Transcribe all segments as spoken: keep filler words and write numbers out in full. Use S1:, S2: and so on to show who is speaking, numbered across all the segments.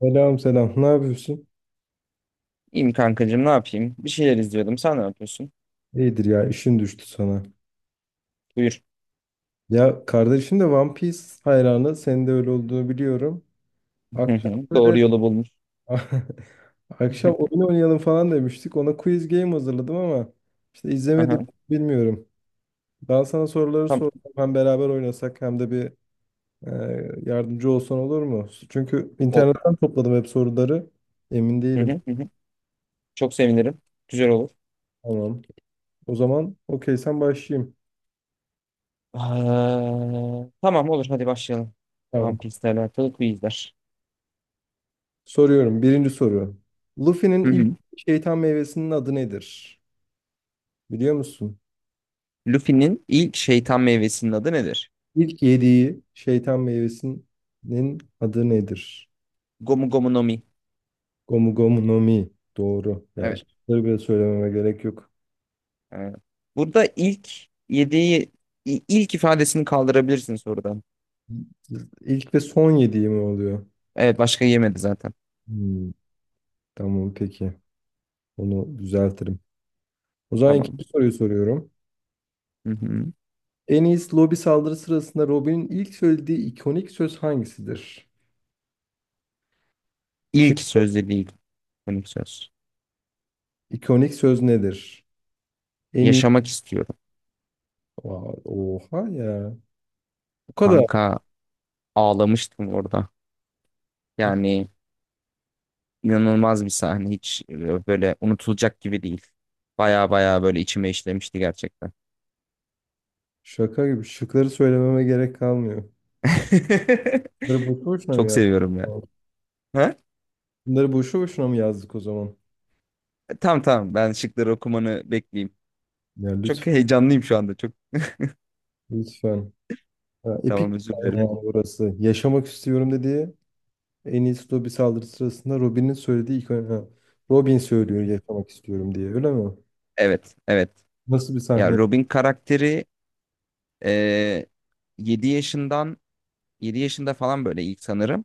S1: Selam selam. Ne yapıyorsun?
S2: İyiyim kankacığım, ne yapayım? Bir şeyler izliyordum. Sen ne yapıyorsun?
S1: İyidir ya, işin düştü sana.
S2: Buyur.
S1: Ya, kardeşin de One Piece hayranı. Senin de öyle olduğunu biliyorum.
S2: Hı
S1: Akşam
S2: hı,
S1: böyle
S2: doğru yolu bulmuş.
S1: akşam oyun oynayalım falan demiştik. Ona quiz game hazırladım ama işte izlemedim
S2: Aha,
S1: bilmiyorum. Ben sana soruları
S2: tam
S1: sordum. Hem beraber oynasak hem de bir e, yardımcı olsan olur mu? Çünkü
S2: o.
S1: internetten topladım hep soruları. Emin
S2: Hı
S1: değilim.
S2: hı, hı hı. Çok sevinirim. Güzel olur.
S1: Tamam. O zaman okey sen başlayayım.
S2: Aa, tamam olur, hadi başlayalım. One
S1: Tamam.
S2: Piece'le alakalı quizler.
S1: Soruyorum. Birinci soru. Luffy'nin
S2: Hı
S1: ilk
S2: hı.
S1: şeytan meyvesinin adı nedir? Biliyor musun?
S2: Luffy'nin ilk şeytan meyvesinin adı nedir?
S1: İlk yediği şeytan meyvesinin adı nedir?
S2: Gomu Gomu no Mi.
S1: Gomu Gomu no Mi. Doğru. Yani
S2: Evet.
S1: şıkları bile söylememe gerek yok.
S2: Ee, Burada ilk yediği i- ilk ifadesini kaldırabilirsin sorudan.
S1: İlk ve son yediği mi oluyor?
S2: Evet, başka yemedi zaten.
S1: Hmm, tamam peki. Onu düzeltirim. O zaman
S2: Tamam.
S1: ikinci soruyu soruyorum.
S2: Hı hı.
S1: En iyisi lobi saldırı sırasında Robin'in ilk söylediği ikonik söz hangisidir? Şık
S2: İlk söz dediği ilk. Konik söz.
S1: ikonik söz nedir? En iyi
S2: Yaşamak istiyorum.
S1: vay, oha ya. Bu kadar.
S2: Kanka, ağlamıştım orada. Yani inanılmaz bir sahne. Hiç e, böyle unutulacak gibi değil. Baya baya böyle içime işlemişti gerçekten.
S1: Şaka gibi. Şıkları söylememe gerek kalmıyor. Bunları boşu boşuna mı
S2: Çok
S1: yazdık?
S2: seviyorum ya. Ha?
S1: Bunları boşu boşuna mı yazdık o zaman?
S2: Tamam tamam ben şıkları okumanı bekleyeyim.
S1: Ya
S2: Çok
S1: lütfen.
S2: heyecanlıyım şu anda. Çok
S1: Lütfen. Ya, epik
S2: tamam,
S1: bir
S2: özür
S1: sahne
S2: dilerim.
S1: yani burası. Yaşamak istiyorum dediği en iyisi Dobby saldırı sırasında Robin'in söylediği ilk ha, Robin söylüyor yaşamak istiyorum diye. Öyle mi?
S2: Evet evet.
S1: Nasıl bir
S2: Ya,
S1: sahne?
S2: Robin karakteri, e, yedi yaşından yedi yaşında falan böyle ilk sanırım.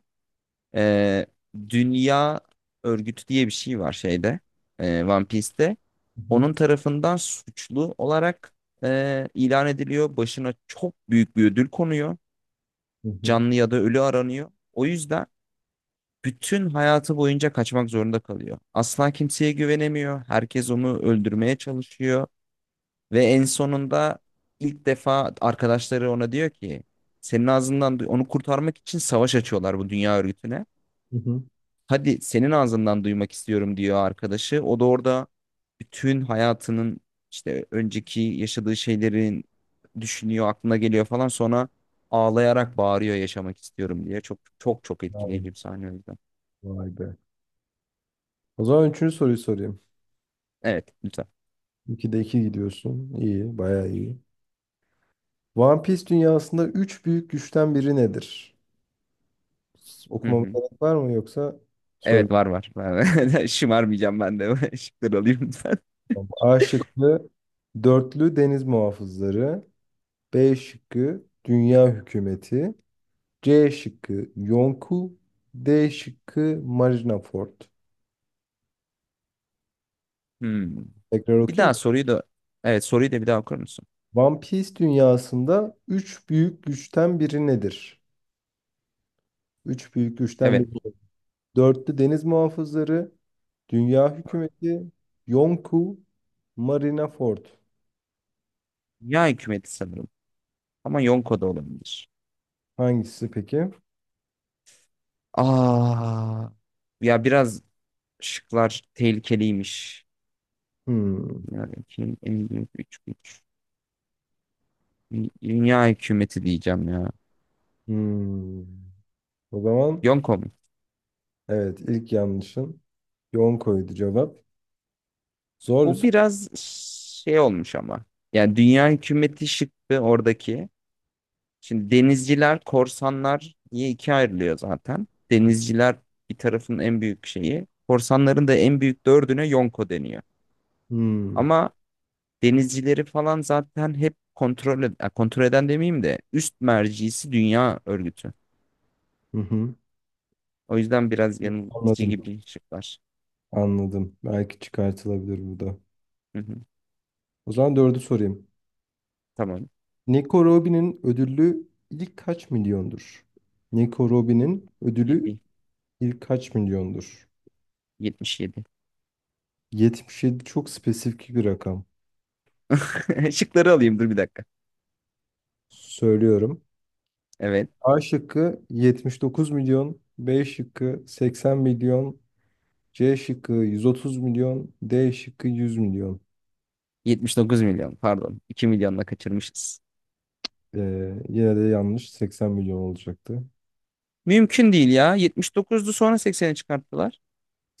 S2: Ee, Dünya Örgütü diye bir şey var şeyde, e, One Piece'te.
S1: Hı hı.
S2: Onun tarafından suçlu olarak e, ilan ediliyor. Başına çok büyük bir ödül konuyor.
S1: Hı hı.
S2: Canlı ya da ölü aranıyor. O yüzden bütün hayatı boyunca kaçmak zorunda kalıyor. Asla kimseye güvenemiyor. Herkes onu öldürmeye çalışıyor. Ve en sonunda ilk defa arkadaşları ona diyor ki senin ağzından onu kurtarmak için savaş açıyorlar bu dünya örgütüne.
S1: Hı hı.
S2: Hadi senin ağzından duymak istiyorum, diyor arkadaşı. O da orada bütün hayatının, işte önceki yaşadığı şeylerin düşünüyor, aklına geliyor falan. Sonra ağlayarak bağırıyor yaşamak istiyorum diye. Çok çok çok
S1: Vay,
S2: etkileyici bir sahne, o yüzden.
S1: vay be. O zaman üçüncü soruyu sorayım.
S2: Evet, lütfen.
S1: İkide iki gidiyorsun. İyi. Bayağı iyi. One Piece dünyasında üç büyük güçten biri nedir?
S2: Hı
S1: Okumama
S2: hı.
S1: gerek var mı yoksa
S2: Evet
S1: söyleyeyim
S2: var, var, var. Şımarmayacağım ben de. Şıkları alayım lütfen.
S1: mi? A şıkkı dörtlü deniz muhafızları. B şıkkı dünya hükümeti. C şıkkı Yonku. D şıkkı Marineford.
S2: Hmm.
S1: Tekrar
S2: Bir
S1: okuyayım
S2: daha
S1: mı?
S2: soruyu da, evet soruyu da bir daha okur musun?
S1: One Piece dünyasında üç büyük güçten biri nedir? Üç büyük güçten
S2: Evet.
S1: biri. Dörtlü deniz muhafızları, dünya hükümeti, Yonku, Marineford.
S2: Ya, hükümeti sanırım. Ama Yonko da olabilir.
S1: Hangisi peki?
S2: Aa, ya biraz şıklar tehlikeliymiş.
S1: Hmm.
S2: Dünya ülkenin en büyük üç güç. Dü- Dünya hükümeti diyeceğim ya.
S1: Hmm. O zaman
S2: Yonko mu?
S1: evet ilk yanlışın yoğun koydu cevap. Zor bir
S2: Bu
S1: soru.
S2: biraz şey olmuş ama. Yani dünya hükümeti şıktı oradaki. Şimdi denizciler, korsanlar diye ikiye ayrılıyor zaten. Denizciler bir tarafın en büyük şeyi. Korsanların da en büyük dördüne Yonko deniyor.
S1: Hmm.
S2: Ama denizcileri falan zaten hep kontrol, ed- ya kontrol eden demeyeyim de üst mercisi dünya örgütü.
S1: Hı hı.
S2: O yüzden biraz yanıltıcı
S1: Anladım.
S2: gibi şıklar.
S1: Anladım. Belki çıkartılabilir bu da.
S2: Hı hı.
S1: O zaman dördü sorayım.
S2: Tamam.
S1: Nico Robin'in ödüllü ilk kaç milyondur? Nico Robin'in ödülü
S2: yedi.
S1: ilk kaç milyondur?
S2: yetmiş yedi.
S1: yetmiş yedi çok spesifik bir rakam.
S2: Şıkları alayım, dur bir dakika.
S1: Söylüyorum.
S2: Evet.
S1: A şıkkı yetmiş dokuz milyon, B şıkkı seksen milyon, C şıkkı yüz otuz milyon, D şıkkı yüz milyon.
S2: yetmiş dokuz milyon, pardon. iki milyonla kaçırmışız.
S1: Ee, yine de yanlış, seksen milyon olacaktı.
S2: Mümkün değil ya. yetmiş dokuzdu, sonra seksene çıkarttılar.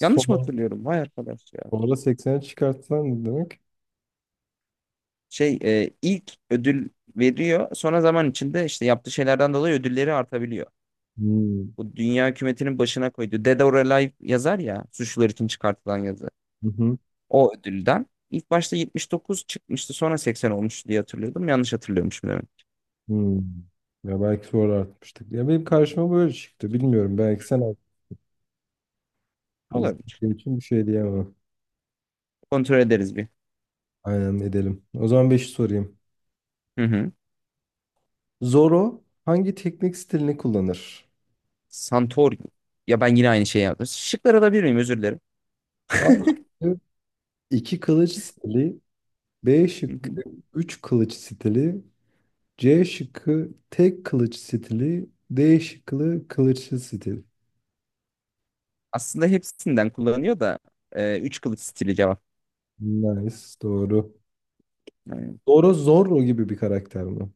S2: Yanlış mı hatırlıyorum? Vay arkadaş ya.
S1: Sonra seksene çıkartsan ne demek?
S2: Şey e, ilk ödül veriyor. Sonra zaman içinde işte yaptığı şeylerden dolayı ödülleri artabiliyor.
S1: Hmm.
S2: Bu dünya hükümetinin başına koydu. Dead or Alive yazar ya. Suçlular için çıkartılan yazı.
S1: Hı hı.
S2: O ödülden. İlk başta yetmiş dokuz çıkmıştı, sonra seksen olmuş diye hatırlıyordum. Yanlış hatırlıyormuşum demek.
S1: Hmm. Ya belki sonra artmıştık. Ya benim karşıma böyle çıktı. Bilmiyorum. Belki sen alt-
S2: Olabilir.
S1: izlediğin için bir şey diyemem.
S2: Kontrol ederiz bir.
S1: Aynen edelim. O zaman beşi sorayım.
S2: Hı hı.
S1: Zoro hangi teknik stilini kullanır?
S2: Santorini. Ya ben yine aynı şeyi yaptım. Şıkları alabilir miyim? Özür dilerim.
S1: A şıkkı iki kılıç stili, B
S2: Hı hı.
S1: şıkkı üç kılıç stili, C şıkkı tek kılıç stili, D şıkkı kılıçlı stil.
S2: Aslında hepsinden kullanıyor da, e, üç kılıç stili cevap.
S1: Nice, doğru. Doğru, Zorro gibi bir karakter mi?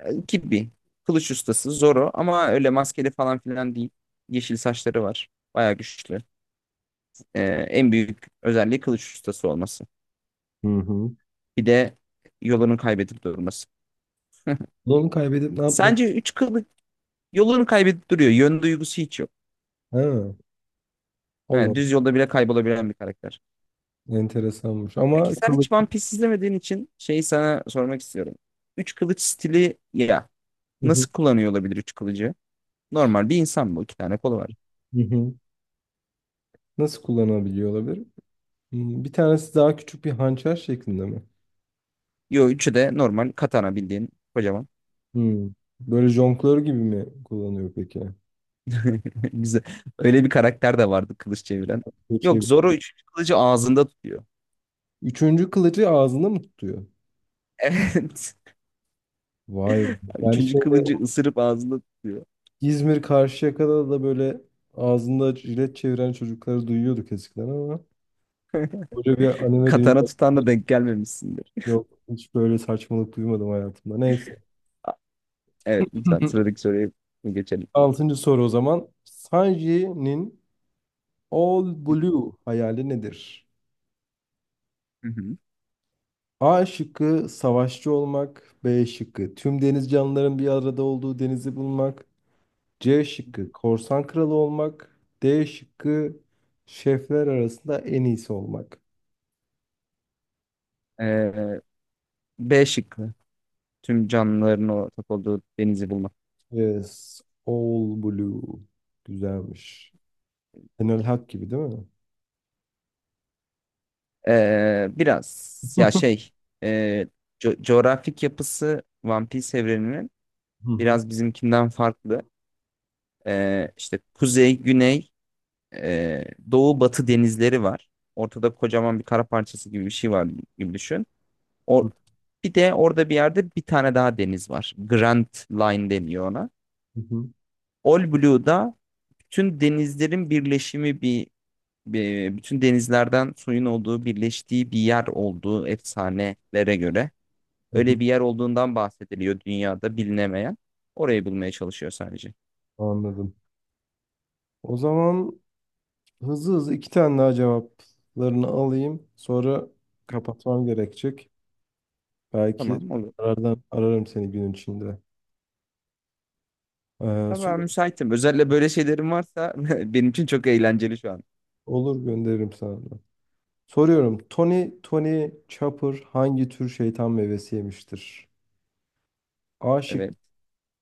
S2: E, Gibi. Kılıç ustası Zoro, ama öyle maskeli falan filan değil. Yeşil saçları var. Bayağı güçlü. E, en büyük özelliği kılıç ustası olması.
S1: Hı hı.
S2: Bir de yolunu kaybedip durması.
S1: Onu kaybedip ne yapmak?
S2: Sence üç kılıç Yolunu kaybedip duruyor. Yön duygusu hiç yok.
S1: Ha,
S2: Ha,
S1: Allah,
S2: düz yolda bile kaybolabilen bir karakter.
S1: enteresanmış. Ama
S2: Peki sen
S1: kılıç
S2: hiç One Piece izlemediğin için şeyi sana sormak istiyorum. Üç kılıç stili ya,
S1: hı hı.
S2: nasıl kullanıyor olabilir üç kılıcı? Normal bir insan bu. İki tane kolu var.
S1: Hı hı. Nasıl kullanabiliyor olabilir? Hmm, bir tanesi daha küçük bir hançer şeklinde mi?
S2: Yo, üçü de normal katana, bildiğin kocaman.
S1: Hmm. Böyle jonglör gibi mi kullanıyor peki?
S2: Güzel. Öyle bir karakter de vardı kılıç çeviren.
S1: Şey-
S2: Yok, Zoro üçüncü kılıcı ağzında tutuyor.
S1: üçüncü kılıcı ağzında mı tutuyor?
S2: Evet.
S1: Vay be. Ben
S2: Üçüncü
S1: şey
S2: kılıcı ısırıp ağzında tutuyor.
S1: İzmir Karşıyaka'da da böyle ağzında jilet çeviren çocukları duyuyorduk eskiden ama böyle bir anime
S2: Katana
S1: dünyası
S2: tutan da denk gelmemişsindir.
S1: yok. Hiç böyle saçmalık duymadım hayatımda. Neyse.
S2: Evet, lütfen sıradaki soruya geçelim.
S1: Altıncı soru o zaman. Sanji'nin All Blue hayali nedir?
S2: Hı hı.
S1: A şıkkı savaşçı olmak. B şıkkı tüm deniz canlıların bir arada olduğu denizi bulmak. C şıkkı korsan kralı olmak. D şıkkı şefler arasında en iyisi olmak.
S2: Ee, B şıkkı. Tüm canlıların ortak olduğu denizi bulmak.
S1: Yes. All Blue. Güzelmiş. Enel Hak gibi değil mi?
S2: Ee, biraz ya şey e, co- Coğrafik yapısı One Piece evreninin
S1: Hı hı,
S2: biraz bizimkinden farklı. Ee, işte kuzey, güney, e, doğu, batı denizleri var. Ortada kocaman bir kara parçası gibi bir şey var gibi düşün. O,
S1: hı
S2: bir de orada bir yerde bir tane daha deniz var. Grand Line deniyor ona.
S1: hı,
S2: All Blue'da bütün denizlerin birleşimi bir, e, bütün denizlerden suyun olduğu birleştiği bir yer olduğu efsanelere göre
S1: hı hı.
S2: öyle bir yer olduğundan bahsediliyor dünyada bilinemeyen. Orayı bulmaya çalışıyor sadece.
S1: Anladım. O zaman hızlı hızlı iki tane daha cevaplarını alayım. Sonra kapatmam gerekecek. Belki
S2: Tamam, olur.
S1: arardan ararım seni gün içinde. Ee,
S2: Ya
S1: sor-
S2: ben müsaitim. Özellikle böyle şeylerim varsa benim için çok eğlenceli şu an.
S1: olur, gönderirim sana da. Soruyorum. Tony Tony Chopper hangi tür şeytan meyvesi yemiştir? A şıkkı
S2: Evet.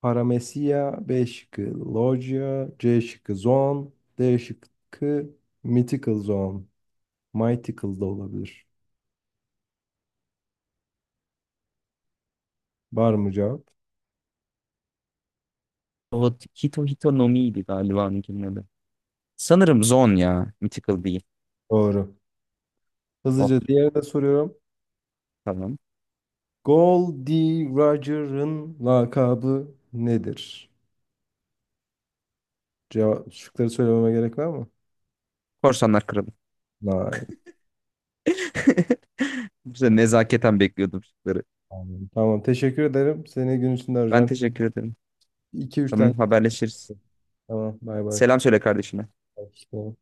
S1: Paramecia, B şıkkı Loggia, C şıkkı Zoan, D şıkkı Mythical Zoan. Mythical da olabilir. Var mı cevap?
S2: O Hito Hito no Mi'ydi galiba onunkinin adı. Sanırım Zon ya. Mythical değil.
S1: Doğru.
S2: Oh,
S1: Hızlıca diğerini de soruyorum.
S2: tamam.
S1: Goldie Roger'ın lakabı nedir? Cevap, şıkları söylememe gerek var mı?
S2: Korsanlar Kralı.
S1: Hayır.
S2: Bize nezaketen bekliyordum şıkları.
S1: Tamam, tamam, teşekkür ederim. Seni gün içinde
S2: Ben
S1: arayacağım.
S2: teşekkür ederim.
S1: iki üç
S2: Tamam,
S1: tane.
S2: haberleşiriz.
S1: Tamam, bay bay.
S2: Selam söyle kardeşine.
S1: Hoşça kal.